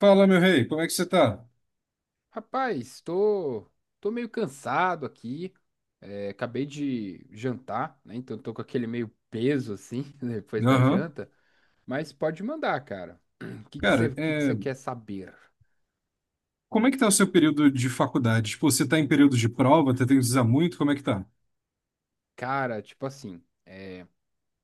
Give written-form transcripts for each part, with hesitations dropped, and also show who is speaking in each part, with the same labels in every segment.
Speaker 1: Fala, meu rei, como é que você tá?
Speaker 2: Rapaz, tô, tô meio cansado aqui. É, acabei de jantar, né? Então tô com aquele meio peso assim depois da
Speaker 1: Aham.
Speaker 2: janta. Mas pode mandar, cara. O
Speaker 1: Cara,
Speaker 2: que que
Speaker 1: é,
Speaker 2: você quer saber?
Speaker 1: Como é que tá o seu período de faculdade? Tipo, você tá em período de prova, tá tendo que usar muito, como é que tá?
Speaker 2: Cara, tipo assim,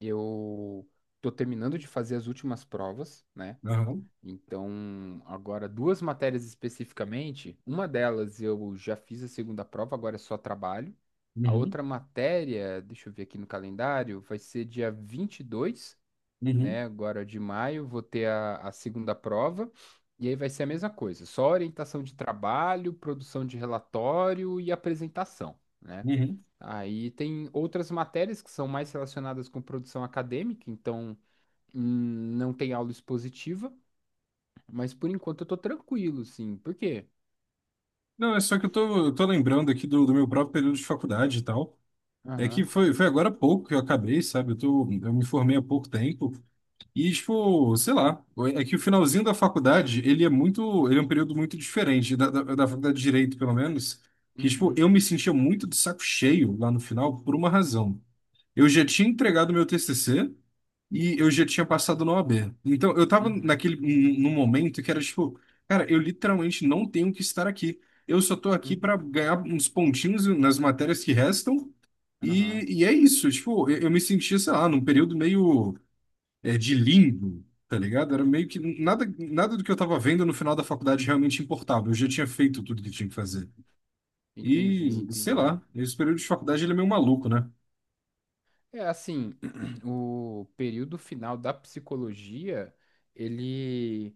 Speaker 2: eu tô terminando de fazer as últimas provas, né?
Speaker 1: Aham.
Speaker 2: Então, agora duas matérias especificamente. Uma delas eu já fiz a segunda prova, agora é só trabalho. A
Speaker 1: Uhum.
Speaker 2: outra matéria, deixa eu ver aqui no calendário, vai ser dia 22.
Speaker 1: Uhum.
Speaker 2: Né? agora de maio. Vou ter a segunda prova, e aí vai ser a mesma coisa, só orientação de trabalho, produção de relatório e apresentação, né?
Speaker 1: Uhum.
Speaker 2: Aí tem outras matérias que são mais relacionadas com produção acadêmica, então não tem aula expositiva, mas por enquanto eu tô tranquilo, sim. Por quê?
Speaker 1: Não, é só que eu tô lembrando aqui do meu próprio período de faculdade e tal. É que
Speaker 2: Aham.
Speaker 1: foi agora há pouco que eu acabei, sabe? Eu me formei há pouco tempo. E, tipo, sei lá, é que o finalzinho da faculdade, ele é um período muito diferente da faculdade de Direito, pelo menos, que, tipo,
Speaker 2: Uhum.
Speaker 1: eu me sentia muito de saco cheio lá no final por uma razão. Eu já tinha entregado meu TCC e eu já tinha passado na OAB. Então, eu tava
Speaker 2: Uhum.
Speaker 1: naquele, num momento que era, tipo, cara, eu literalmente não tenho que estar aqui. Eu só tô aqui para
Speaker 2: Uhum.
Speaker 1: ganhar uns pontinhos nas matérias que restam
Speaker 2: Aham.
Speaker 1: e é isso. Tipo, eu me sentia, sei lá, num período meio de lindo, tá ligado? Era meio que nada, nada do que eu tava vendo no final da faculdade realmente importava. Eu já tinha feito tudo que tinha que fazer. E,
Speaker 2: Entendi,
Speaker 1: sei
Speaker 2: entendi.
Speaker 1: lá, esse período de faculdade ele é meio maluco, né?
Speaker 2: É assim, o período final da psicologia, ele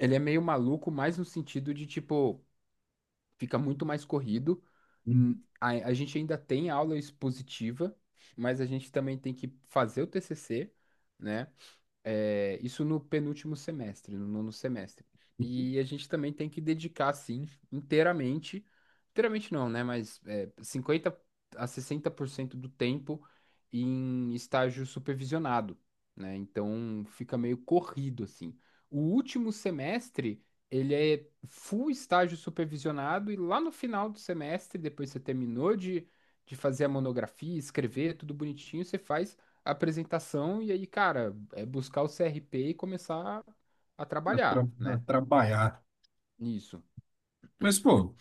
Speaker 2: ele é meio maluco, mas no sentido de, tipo, fica muito mais corrido.
Speaker 1: Uhum.
Speaker 2: A gente ainda tem aula expositiva, mas a gente também tem que fazer o TCC, né? É, isso no penúltimo semestre, no nono semestre. E a gente também tem que dedicar, sim, inteiramente, inteiramente não, né? Mas é, 50 a 60% do tempo em estágio supervisionado, né? Então fica meio corrido, assim. O último semestre, ele é full estágio supervisionado, e lá no final do semestre, depois você terminou de fazer a monografia, escrever, tudo bonitinho, você faz a apresentação e aí, cara, é buscar o CRP e começar a
Speaker 1: Dá
Speaker 2: trabalhar,
Speaker 1: pra
Speaker 2: né?
Speaker 1: trabalhar.
Speaker 2: Nisso.
Speaker 1: Mas, pô,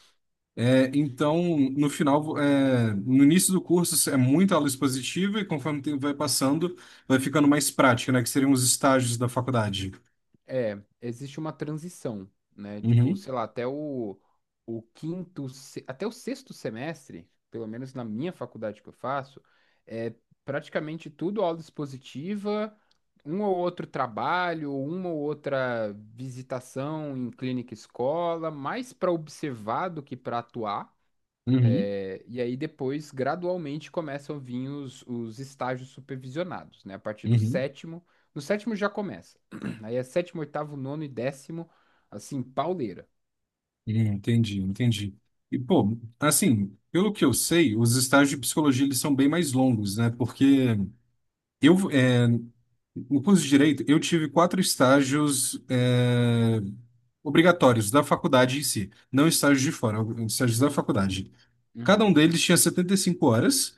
Speaker 1: é, então, no início do curso é muita aula expositiva e, conforme o tempo vai passando, vai ficando mais prática, né? Que seriam os estágios da faculdade.
Speaker 2: É, existe uma transição, né? Tipo,
Speaker 1: Uhum,
Speaker 2: sei lá, até o quinto, até o sexto semestre, pelo menos na minha faculdade que eu faço, é praticamente tudo aula expositiva, um ou outro trabalho, uma ou outra visitação em clínica e escola, mais para observar do que para atuar.
Speaker 1: uhum,
Speaker 2: É, e aí depois, gradualmente, começam a vir os estágios supervisionados, né? A partir do
Speaker 1: uhum.
Speaker 2: sétimo, no sétimo já começa. Aí é sétimo, oitavo, nono e décimo, assim, pauleira.
Speaker 1: Entendi, entendi. E, pô, assim, pelo que eu sei, os estágios de psicologia eles são bem mais longos, né? Porque eu, é, no curso de Direito, eu tive quatro estágios, é, obrigatórios da faculdade em si, não estágios de fora, estágios da faculdade. Cada um
Speaker 2: Uhum,
Speaker 1: deles tinha 75 horas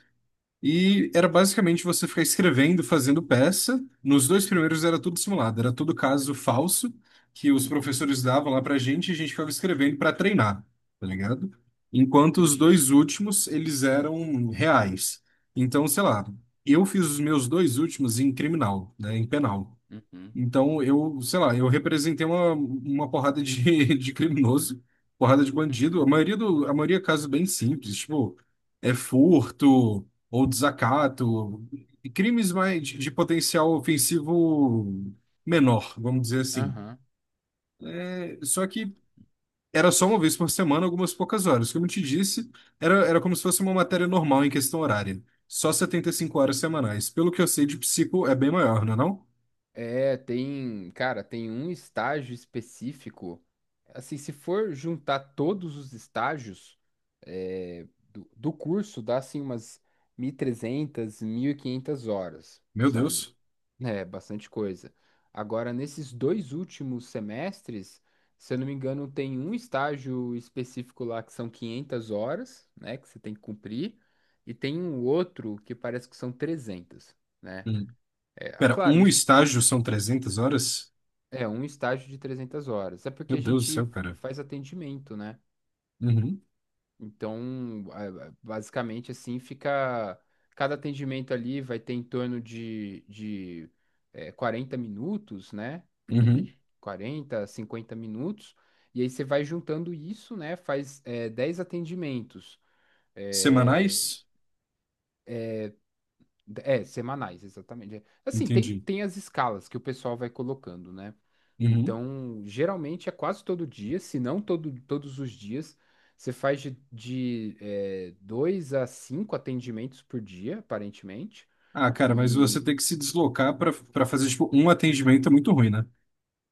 Speaker 1: e era basicamente você ficar escrevendo, fazendo peça. Nos dois primeiros era tudo simulado, era tudo caso falso que os
Speaker 2: uhum.
Speaker 1: professores davam lá pra gente e a gente ficava escrevendo para treinar, tá ligado? Enquanto os
Speaker 2: Entendi.
Speaker 1: dois últimos, eles eram reais. Então, sei lá, eu fiz os meus dois últimos em criminal, né, em penal.
Speaker 2: Uhum,
Speaker 1: Então, eu, sei lá, eu representei uma porrada de, de criminoso, porrada de bandido.
Speaker 2: uhum.
Speaker 1: A maioria é caso bem simples, tipo, é furto ou desacato, e crimes mais de potencial ofensivo menor, vamos dizer assim.
Speaker 2: Aham.
Speaker 1: É, só que era só uma vez por semana, algumas poucas horas. Como eu te disse, era como se fosse uma matéria normal em questão horária. Só 75 horas semanais. Pelo que eu sei de psico, é bem maior, não é não?
Speaker 2: É, tem, cara, tem um estágio específico. Assim, se for juntar todos os estágios do curso, dá assim umas mil, mil trezentas, mil e quinhentas horas,
Speaker 1: Meu
Speaker 2: sabe?
Speaker 1: Deus.
Speaker 2: É, bastante coisa. Agora, nesses dois últimos semestres, se eu não me engano, tem um estágio específico lá que são 500 horas, né, que você tem que cumprir, e tem um outro que parece que são 300, né? É, ah,
Speaker 1: Pera,
Speaker 2: claro,
Speaker 1: um
Speaker 2: isso
Speaker 1: estágio são 300 horas?
Speaker 2: é um estágio de 300 horas. É porque
Speaker 1: Meu
Speaker 2: a
Speaker 1: Deus do
Speaker 2: gente
Speaker 1: céu, cara.
Speaker 2: faz atendimento, né?
Speaker 1: Uhum,
Speaker 2: Então, basicamente assim, fica cada atendimento ali vai ter em torno de 40 minutos, né?
Speaker 1: uhum.
Speaker 2: Quarenta, 50 minutos, e aí você vai juntando isso, né? Faz 10 atendimentos. É,
Speaker 1: Semanais?
Speaker 2: é, semanais, exatamente. É, assim, tem,
Speaker 1: Entendi.
Speaker 2: tem as escalas que o pessoal vai colocando, né?
Speaker 1: Uhum.
Speaker 2: Então, geralmente é quase todo dia, se não todo, todos os dias. Você faz de dois a cinco atendimentos por dia, aparentemente.
Speaker 1: Ah, cara, mas você
Speaker 2: E
Speaker 1: tem que se deslocar para fazer, tipo, um atendimento é muito ruim, né?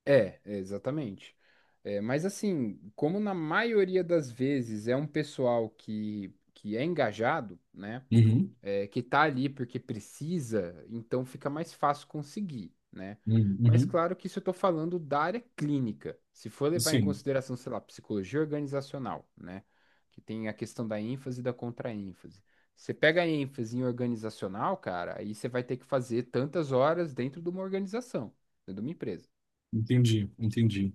Speaker 2: É, exatamente. É, mas assim, como na maioria das vezes é um pessoal que é engajado, né?
Speaker 1: Uhum,
Speaker 2: É, que tá ali porque precisa, então fica mais fácil conseguir, né?
Speaker 1: uhum,
Speaker 2: Mas
Speaker 1: uhum.
Speaker 2: claro que isso eu tô falando da área clínica. Se for levar em
Speaker 1: Sim,
Speaker 2: consideração, sei lá, psicologia organizacional, né? Que tem a questão da ênfase e da contraênfase. Você pega a ênfase em organizacional, cara, aí você vai ter que fazer tantas horas dentro de uma organização, dentro de uma empresa.
Speaker 1: entendi, entendi.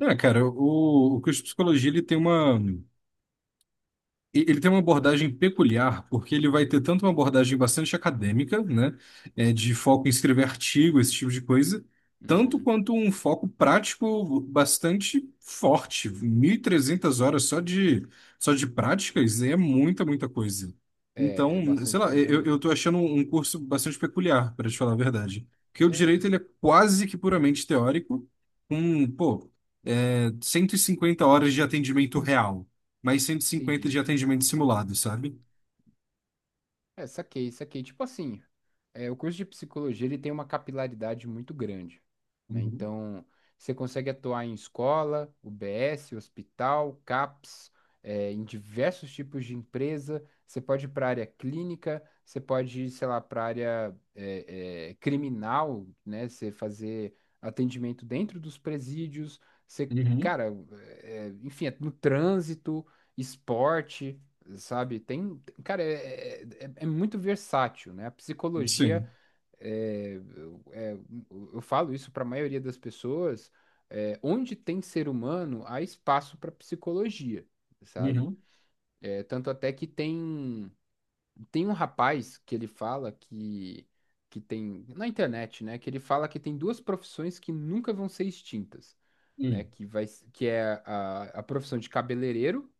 Speaker 1: É, cara, o curso de psicologia, ele tem uma... Ele tem uma abordagem peculiar, porque ele vai ter tanto uma abordagem bastante acadêmica, né, é, de foco em escrever artigo, esse tipo de coisa, tanto quanto um foco prático bastante forte. 1.300 horas só de práticas é muita, muita coisa.
Speaker 2: É, é
Speaker 1: Então, sei
Speaker 2: bastante
Speaker 1: lá,
Speaker 2: coisa
Speaker 1: eu
Speaker 2: mesmo.
Speaker 1: tô achando um curso bastante peculiar, para te falar a verdade. Porque o
Speaker 2: É,
Speaker 1: direito,
Speaker 2: e
Speaker 1: ele é quase que puramente teórico, com, pô, é, 150 horas de atendimento real mais cento e cinquenta de
Speaker 2: entendi.
Speaker 1: atendimento simulado, sabe?
Speaker 2: É, saquei, saquei. Tipo assim, é, o curso de psicologia ele tem uma capilaridade muito grande, né?
Speaker 1: Uhum.
Speaker 2: Então, você consegue atuar em escola, UBS, hospital, CAPS, é, em diversos tipos de empresa. Você pode ir para a área clínica, você pode ir, sei lá, para a área criminal, né? Você fazer atendimento dentro dos presídios. Você,
Speaker 1: Uhum.
Speaker 2: cara, enfim, é no trânsito, esporte, sabe? Tem, cara, é muito versátil, né? A psicologia,
Speaker 1: Sim.
Speaker 2: eu eu falo isso para a maioria das pessoas, é, onde tem ser humano, há espaço para psicologia, sabe?
Speaker 1: Uhum.
Speaker 2: É, tanto até que tem, tem um rapaz que ele fala que tem, na internet, né? Que ele fala que tem duas profissões que nunca vão ser extintas. Né,
Speaker 1: Uhum.
Speaker 2: que vai, que é a profissão de cabeleireiro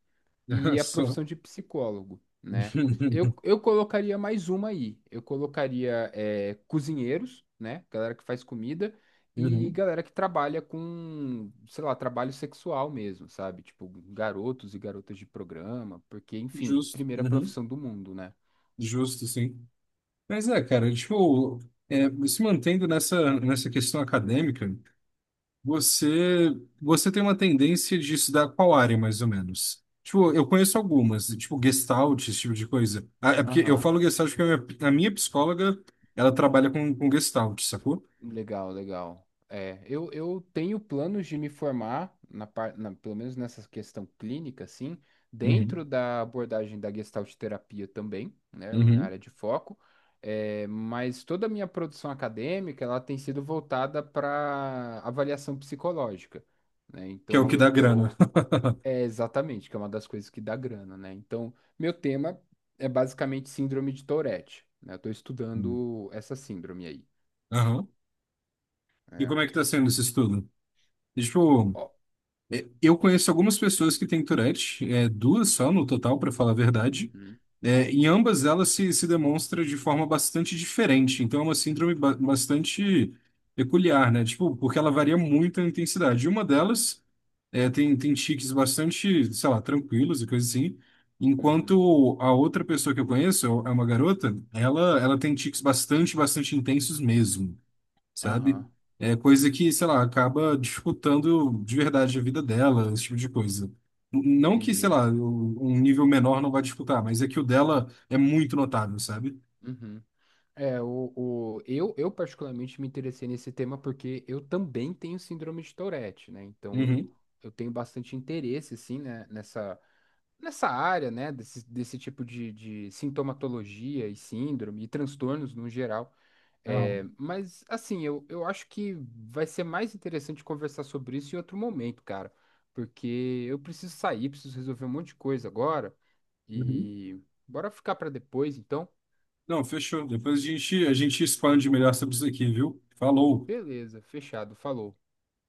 Speaker 2: e a
Speaker 1: Só
Speaker 2: profissão de psicólogo, né? Eu, eu colocaria mais uma aí. Eu colocaria cozinheiros, né? Galera que faz comida e
Speaker 1: Uhum.
Speaker 2: galera que trabalha com, sei lá, trabalho sexual mesmo, sabe? Tipo, garotos e garotas de programa, porque, enfim,
Speaker 1: Justo,
Speaker 2: primeira
Speaker 1: uhum.
Speaker 2: profissão do mundo, né?
Speaker 1: Justo, sim. Mas é, cara, tipo, é, se mantendo nessa questão acadêmica, você, você tem uma tendência de estudar qual área, mais ou menos? Tipo, eu conheço algumas, tipo, Gestalt, esse tipo de coisa. Ah, é porque eu
Speaker 2: Aham.
Speaker 1: falo Gestalt porque a minha psicóloga, ela trabalha com Gestalt, sacou?
Speaker 2: Legal, legal. É, eu tenho planos de me formar, pelo menos nessa questão clínica, assim, dentro
Speaker 1: Uhum.
Speaker 2: da abordagem da Gestalt terapia também, né, é a minha
Speaker 1: Uhum.
Speaker 2: área de foco, é, mas toda a minha produção acadêmica, ela tem sido voltada para avaliação psicológica, né,
Speaker 1: Que é o
Speaker 2: então
Speaker 1: que
Speaker 2: eu
Speaker 1: dá grana.
Speaker 2: tô... É, exatamente, que é uma das coisas que dá grana, né, então meu tema é basicamente síndrome de Tourette, né, eu tô
Speaker 1: Hum.
Speaker 2: estudando essa síndrome aí,
Speaker 1: Aham. E
Speaker 2: né.
Speaker 1: como é que tá sendo esse estudo? E, tipo,
Speaker 2: Ó,
Speaker 1: é, eu conheço algumas pessoas que têm Tourette, é, duas só no total, para falar a verdade. É, em ambas elas se demonstra de forma bastante diferente. Então é uma síndrome bastante peculiar, né? Tipo, porque ela varia muito a intensidade. E uma delas é, tem tiques bastante, sei lá, tranquilos e coisas assim.
Speaker 2: uhum.
Speaker 1: Enquanto a outra pessoa que eu conheço, é uma garota, ela tem tiques bastante intensos mesmo.
Speaker 2: Aham,
Speaker 1: Sabe? É coisa que, sei lá, acaba dificultando de verdade a vida dela, esse tipo de coisa. Não que, sei
Speaker 2: entendi.
Speaker 1: lá, um nível menor não vai disputar, mas é que o dela é muito notável, sabe?
Speaker 2: Uhum. É, eu particularmente me interessei nesse tema porque eu também tenho síndrome de Tourette, né? Então,
Speaker 1: Uhum.
Speaker 2: eu tenho bastante interesse, sim, né? Nessa, nessa área, né? Desse, desse tipo de sintomatologia e síndrome e transtornos no geral. É,
Speaker 1: Aham.
Speaker 2: mas assim, eu acho que vai ser mais interessante conversar sobre isso em outro momento, cara. Porque eu preciso sair, preciso resolver um monte de coisa agora.
Speaker 1: Uhum.
Speaker 2: E bora ficar pra depois, então?
Speaker 1: Não, fechou. Depois a gente expande melhor sobre isso aqui, viu? Falou.
Speaker 2: Beleza, fechado, falou.